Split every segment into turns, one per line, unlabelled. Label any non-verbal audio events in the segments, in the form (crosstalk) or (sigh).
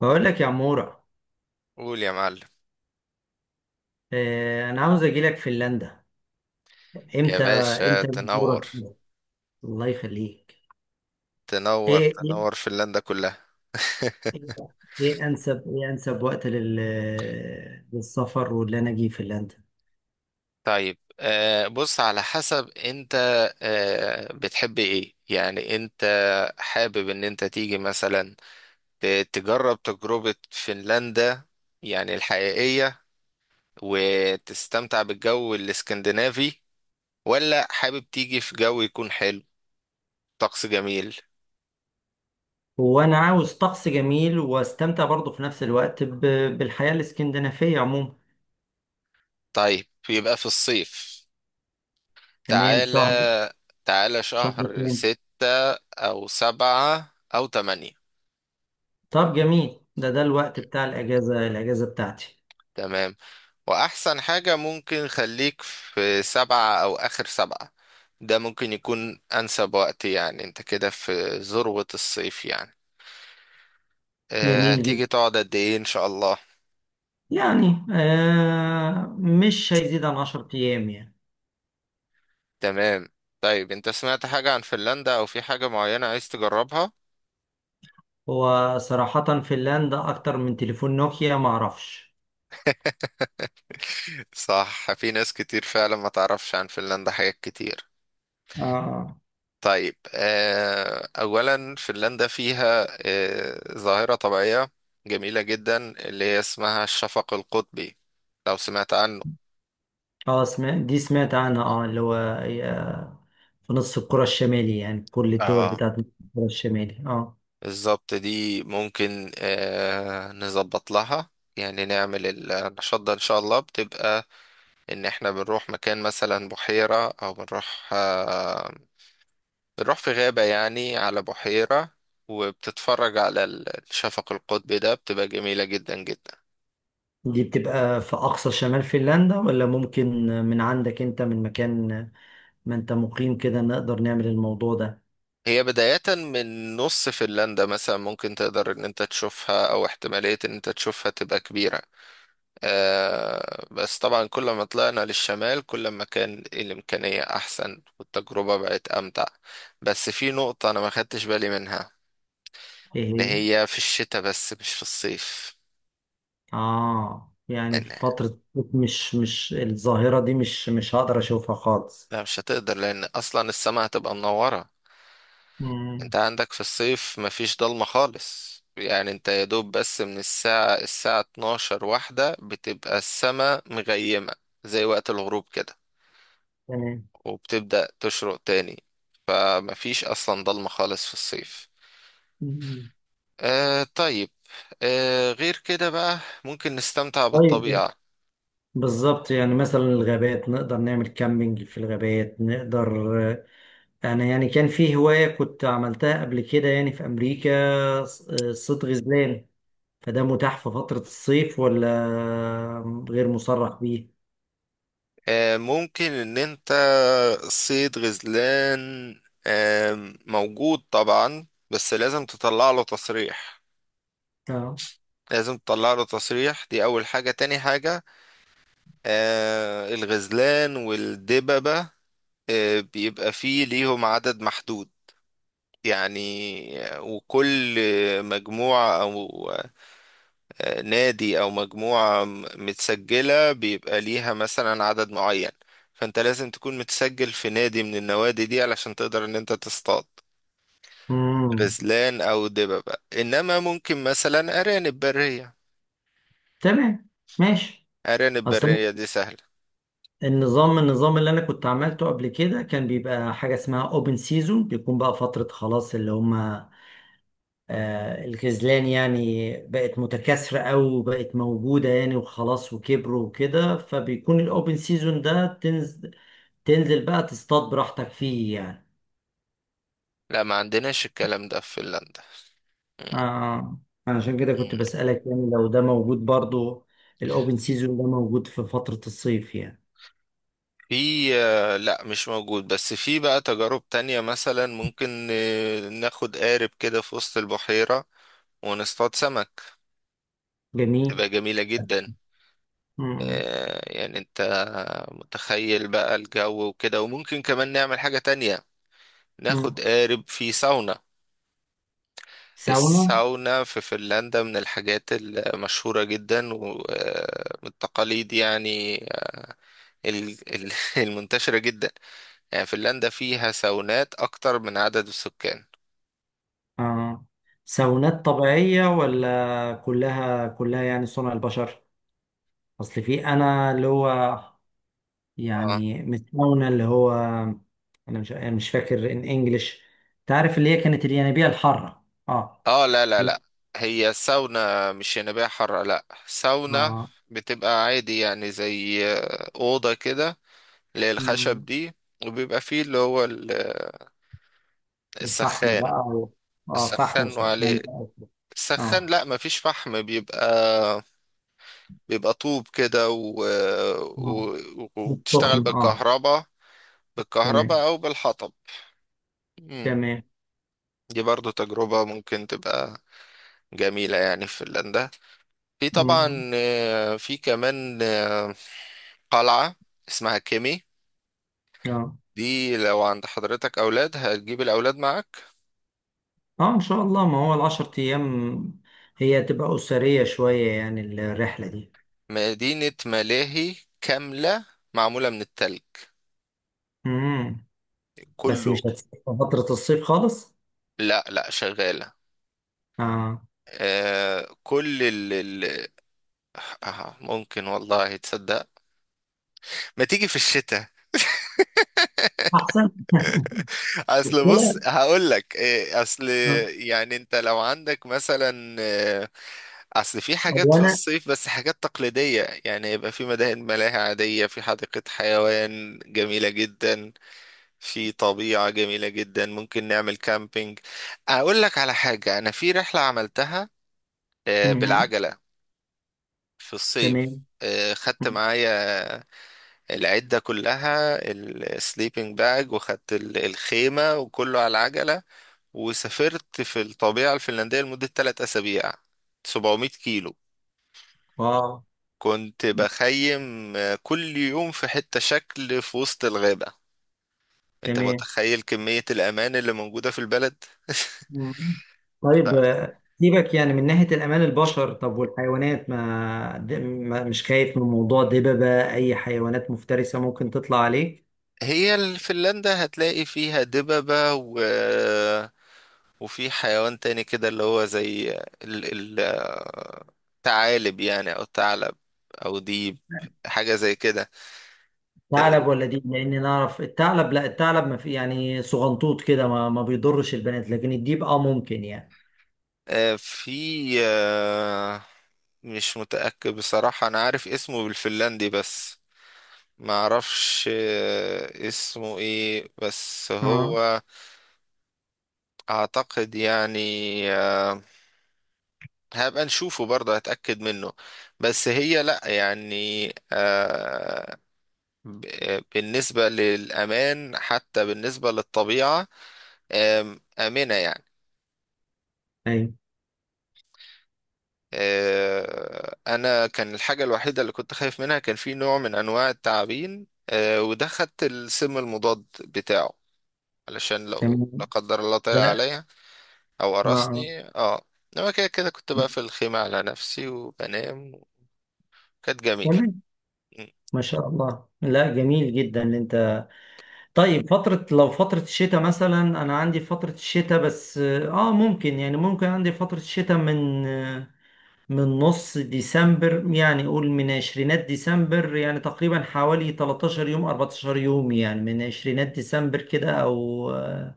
بقول لك يا عمورة.
قول يا معلم.
آه، انا عاوز اجي لك فنلندا.
يا
امتى؟
باشا
امتى
تنور،
دورك؟ الله يخليك.
تنور
ايه،
تنور
ايه.
فنلندا كلها. (laughs)
ايه. إيه انسب وقت للسفر واللي انا اجي فنلندا.
طيب بص على حسب انت. بتحب ايه يعني انت؟ حابب ان انت تيجي مثلا تجرب تجربة فنلندا يعني الحقيقية، وتستمتع بالجو الاسكندنافي، ولا حابب تيجي في جو يكون حلو، طقس جميل؟
هو انا عاوز طقس جميل واستمتع برضه في نفس الوقت بالحياة الاسكندنافية عموما.
طيب يبقى في الصيف.
تمام، شهر.
تعالى، تعالى
شهر
شهر
كام؟
ستة أو سبعة أو تمانية.
طب جميل، ده الوقت بتاع الاجازة بتاعتي.
تمام. وأحسن حاجة ممكن خليك في سبعة أو آخر سبعة. ده ممكن يكون أنسب وقت، يعني أنت كده في ذروة الصيف يعني. أه،
جميل جدا.
هتيجي تقعد قد إيه إن شاء الله؟
يعني مش هيزيد عن 10 ايام يعني.
تمام. طيب أنت سمعت حاجة عن فنلندا أو في حاجة معينة عايز تجربها؟
هو صراحة فنلندا أكتر من تليفون نوكيا معرفش.
(laughs) صح، في ناس كتير فعلا ما تعرفش عن فنلندا حاجات كتير.
اه، اه.
طيب أولا فنلندا فيها ظاهرة طبيعية جميلة جدا، اللي هي اسمها الشفق القطبي، لو سمعت عنه.
اه، سمعت عنها، اه اللي هو، في نص الكرة الشمالي، يعني كل الدول
اه،
بتاعت نص الكرة الشمالي، اه.
بالظبط. دي ممكن نظبط لها، يعني نعمل النشاط ده إن شاء الله. بتبقى إن إحنا بنروح مكان مثلا بحيرة، أو بنروح بنروح في غابة يعني على بحيرة، وبتتفرج على الشفق القطبي ده. بتبقى جميلة جدا جدا.
دي بتبقى في أقصى شمال فنلندا ولا ممكن من عندك أنت، من مكان ما أنت مقيم كده، نقدر نعمل الموضوع ده؟
هي بداية من نص فنلندا مثلا ممكن تقدر ان انت تشوفها، او احتمالية ان انت تشوفها تبقى كبيرة. آه بس طبعا كل ما طلعنا للشمال كل ما كان الامكانية احسن والتجربة بقت امتع. بس في نقطة انا ما خدتش بالي منها،
إيه
اللي
هي؟
هي في الشتاء بس مش في الصيف.
اه، يعني في
لان
فترة مش الظاهرة دي، مش هقدر أشوفها خالص.
لا، مش هتقدر لان اصلا السماء هتبقى منورة.
مم.
انت عندك في الصيف مفيش ضلمة خالص، يعني انت يا دوب بس من الساعة 12 واحدة بتبقى السماء مغيمة، زي وقت الغروب كده،
تمام.
وبتبدأ تشرق تاني. فمفيش أصلا ضلمة خالص في الصيف.
مم.
آه طيب، آه غير كده بقى ممكن نستمتع
طيب.
بالطبيعة.
بالظبط، يعني مثلا الغابات نقدر نعمل كامبينج في الغابات، نقدر. انا يعني كان في هواية كنت عملتها قبل كده يعني في امريكا، صيد غزلان. فده متاح في فترة الصيف ولا غير مصرح بيه؟
آه ممكن ان انت صيد غزلان، موجود طبعا، بس لازم تطلع له تصريح.
اه.
لازم تطلع له تصريح، دي أول حاجة. تاني حاجة، الغزلان والدببة بيبقى فيه ليهم عدد محدود، يعني وكل مجموعة أو نادي أو مجموعة متسجلة بيبقى ليها مثلا عدد معين. فأنت لازم تكون متسجل في نادي من النوادي دي علشان تقدر إن أنت تصطاد
امم.
غزلان أو دببة. إنما ممكن مثلا أرانب برية،
تمام. ماشي.
أرانب
اصلا
برية دي سهلة.
النظام اللي انا كنت عملته قبل كده، كان بيبقى حاجة اسمها اوبن سيزون، بيكون بقى فترة خلاص اللي هم الخذلان يعني بقت متكاثرة أوي وبقت موجودة يعني، وخلاص وكبروا وكده، فبيكون الأوبن سيزون ده، تنزل بقى تصطاد براحتك فيه يعني.
لا، ما عندناش الكلام ده في فنلندا.
آه، عشان كده كنت
مم.
بسألك يعني لو ده موجود برضو، الأوبن سيزون ده موجود في فترة الصيف يعني؟
في لا مش موجود، بس في بقى تجارب تانية. مثلا ممكن ناخد قارب كده في وسط البحيرة ونصطاد سمك،
جميل.
تبقى جميلة جدا.
مم.
يعني انت متخيل بقى الجو وكده. وممكن كمان نعمل حاجة تانية،
مم.
ناخد قارب في ساونا.
ساونا.
الساونا في فنلندا من الحاجات المشهورة جدا، ومن التقاليد يعني، ال- ال- (laughs) المنتشرة جدا. يعني فنلندا فيها ساونات اكتر من عدد السكان.
آه، ساونات طبيعية ولا كلها يعني صنع البشر؟ أصل في، أنا اللي هو،
اه
يعني متكونه اللي هو، انا مش فاكر ان انجلش، تعرف اللي هي كانت الينابيع الحاره؟ اه.
اه، لا لا لا،
ليه؟
هي الساونا مش ينابيع حارة، لا ساونا.
اه.
بتبقى عادي يعني زي أوضة كده اللي هي الخشب
مم.
دي، وبيبقى فيه اللي هو
الفحم
السخان،
بقى و... اه، فحم
السخان
وسخان.
وعليه.
بقى وكده.
السخان،
اه.
لا مفيش فحم، بيبقى بيبقى طوب كده
اه.
و... وبتشتغل
السخن، اه.
بالكهرباء،
تمام.
بالكهرباء أو بالحطب. مم.
تمام.
دي برضو تجربة ممكن تبقى جميلة يعني في فنلندا. في
مم.
طبعا في كمان قلعة اسمها كيمي.
اه.
دي لو عند حضرتك أولاد هتجيب الأولاد معاك.
اه، ان شاء الله. ما هو العشر ايام، هي تبقى اسريه شويه يعني، الرحله دي.
مدينة ملاهي كاملة معمولة من التلج
مم. بس
كله.
مش هتسافر فتره الصيف خالص؟
لا لا، شغالة.
اه.
آه كل آه ممكن والله تصدق ما تيجي في الشتاء.
احسن. (laughs)
اصل بص
طلع.
هقول لك إيه، اصل
آه.
يعني انت لو عندك مثلا اصل في حاجات
هو
في
انا.
الصيف بس حاجات تقليدية، يعني يبقى في مداهن ملاهي عادية، في حديقة حيوان جميلة جدا، في طبيعة جميلة جدا ممكن نعمل كامبينج. اقول لك على حاجة، انا في رحلة عملتها
مم.
بالعجلة في الصيف.
تمام.
خدت
مم.
معايا العدة كلها، السليبنج باج، وخدت الخيمة وكله على العجلة، وسافرت في الطبيعة الفنلندية لمدة 3 أسابيع، 700 كيلو.
اه.
كنت بخيم كل يوم في حتة، شكل في وسط الغابة. انت
تمام.
متخيل كمية الأمان اللي موجودة في البلد؟
مم. طيب سيبك يعني من ناحية الأمان البشر، طب والحيوانات، ما مش خايف من موضوع دببة، أي حيوانات مفترسة ممكن تطلع عليه؟
(laughs) هي فنلندا هتلاقي فيها دببة و... آه، وفي حيوان تاني كده اللي هو زي ال... ال... آه، ثعالب يعني، أو ثعلب أو ديب، حاجة زي كده.
ثعلب ولا دي؟ لأني نعرف الثعلب، لا الثعلب ما في، يعني صغنطوط كده، ما بيضرش البنات، لكن الديب اه ممكن يعني.
في آه، مش متأكد بصراحة. أنا عارف اسمه بالفنلندي بس ما أعرفش اسمه إيه، بس
اه.
هو أعتقد يعني آه، هبقى نشوفه برضه هتأكد منه. بس هي لأ يعني، بالنسبة للأمان حتى بالنسبة للطبيعة، آمنة يعني.
أيوه.
انا كان الحاجه الوحيده اللي كنت خايف منها كان في نوع من انواع التعابين، وده خدت السم المضاد بتاعه علشان لو لا
تمام.
قدر الله طلع
لا.
عليا او
اه. آه.
قرصني. اه، انما كده كنت بقى في الخيمه على نفسي وبنام، وكانت جميله.
تمام.
م.
ما شاء الله، لا جميل جدا اللي انت. طيب فترة، لو فترة الشتاء مثلا. أنا عندي فترة الشتاء بس آه ممكن، يعني ممكن عندي فترة الشتاء من من نص ديسمبر، يعني قول من عشرينات ديسمبر يعني، تقريبا حوالي 13 يوم 14 يوم يعني، من عشرينات ديسمبر كده او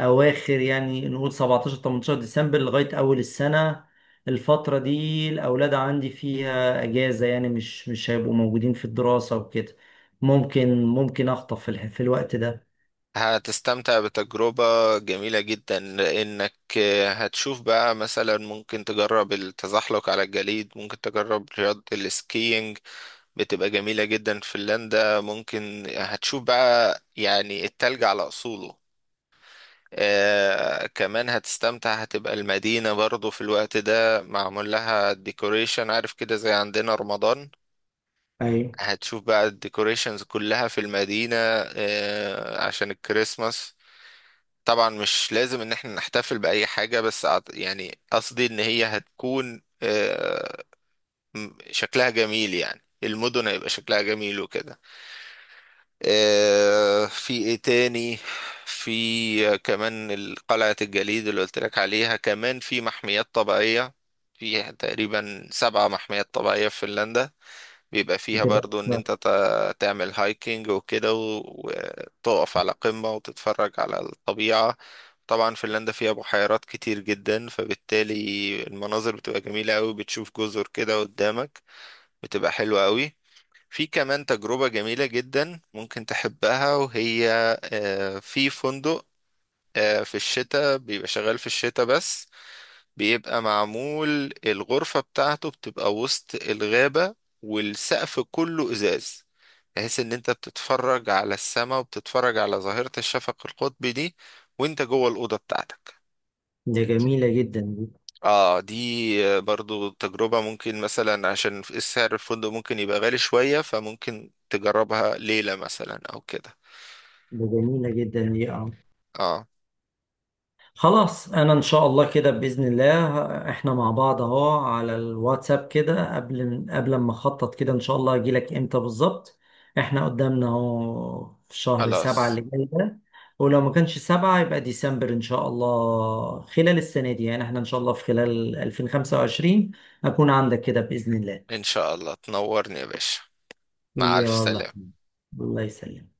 اواخر، يعني نقول 17 18 ديسمبر لغاية اول السنة. الفترة دي الاولاد عندي فيها اجازة، يعني مش هيبقوا موجودين في الدراسة وكده. ممكن اخطف في الوقت ده.
هتستمتع بتجربة جميلة جدا، لأنك هتشوف بقى مثلا ممكن تجرب التزحلق على الجليد، ممكن تجرب رياضة السكينج. بتبقى جميلة جدا فنلندا، ممكن هتشوف بقى يعني التلج على أصوله. آه كمان هتستمتع، هتبقى المدينة برضو في الوقت ده معمول لها ديكوريشن، عارف كده زي عندنا رمضان.
ايوه.
هتشوف بقى الديكوريشنز كلها في المدينة آه عشان الكريسماس. طبعا مش لازم ان احنا نحتفل بأي حاجة، بس يعني قصدي ان هي هتكون آه شكلها جميل، يعني المدن هيبقى شكلها جميل وكده. في ايه تاني؟ في كمان قلعة الجليد اللي قلت لك عليها. كمان في محميات طبيعية، في تقريبا 7 محميات طبيعية في فنلندا، بيبقى فيها
بتبقى.
برضو ان انت تعمل هايكنج وكده، وتقف على قمة وتتفرج على الطبيعة. طبعا فنلندا فيها بحيرات كتير جدا، فبالتالي المناظر بتبقى جميلة قوي، بتشوف جزر كده قدامك، بتبقى حلوة قوي. في كمان تجربة جميلة جدا ممكن تحبها، وهي في فندق في الشتاء، بيبقى شغال في الشتاء بس، بيبقى معمول الغرفة بتاعته بتبقى وسط الغابة، والسقف كله إزاز، بحيث إن أنت بتتفرج على السماء وبتتفرج على ظاهرة الشفق القطبي دي وأنت جوه الأوضة بتاعتك.
ده جميلة جدا دي.
اه دي برضو تجربة ممكن مثلا عشان السعر الفندق ممكن يبقى غالي شوية، فممكن تجربها ليلة مثلا او كده.
ده جميلة جدا دي، اه.
اه
خلاص، انا ان شاء الله كده باذن الله. احنا مع بعض اهو على الواتساب كده، قبل ما اخطط كده ان شاء الله، اجيلك امتى بالظبط. احنا قدامنا اهو في شهر سبعة
خلاص،
اللي جاي ده، ولو ما كانش سبعة يبقى ديسمبر ان شاء الله، خلال السنة دي يعني، احنا ان شاء الله في خلال 2025 اكون عندك كده باذن الله.
ان شاء الله تنورني يا باشا. مع الف
يلا.
سلامة.
الله يسلمك.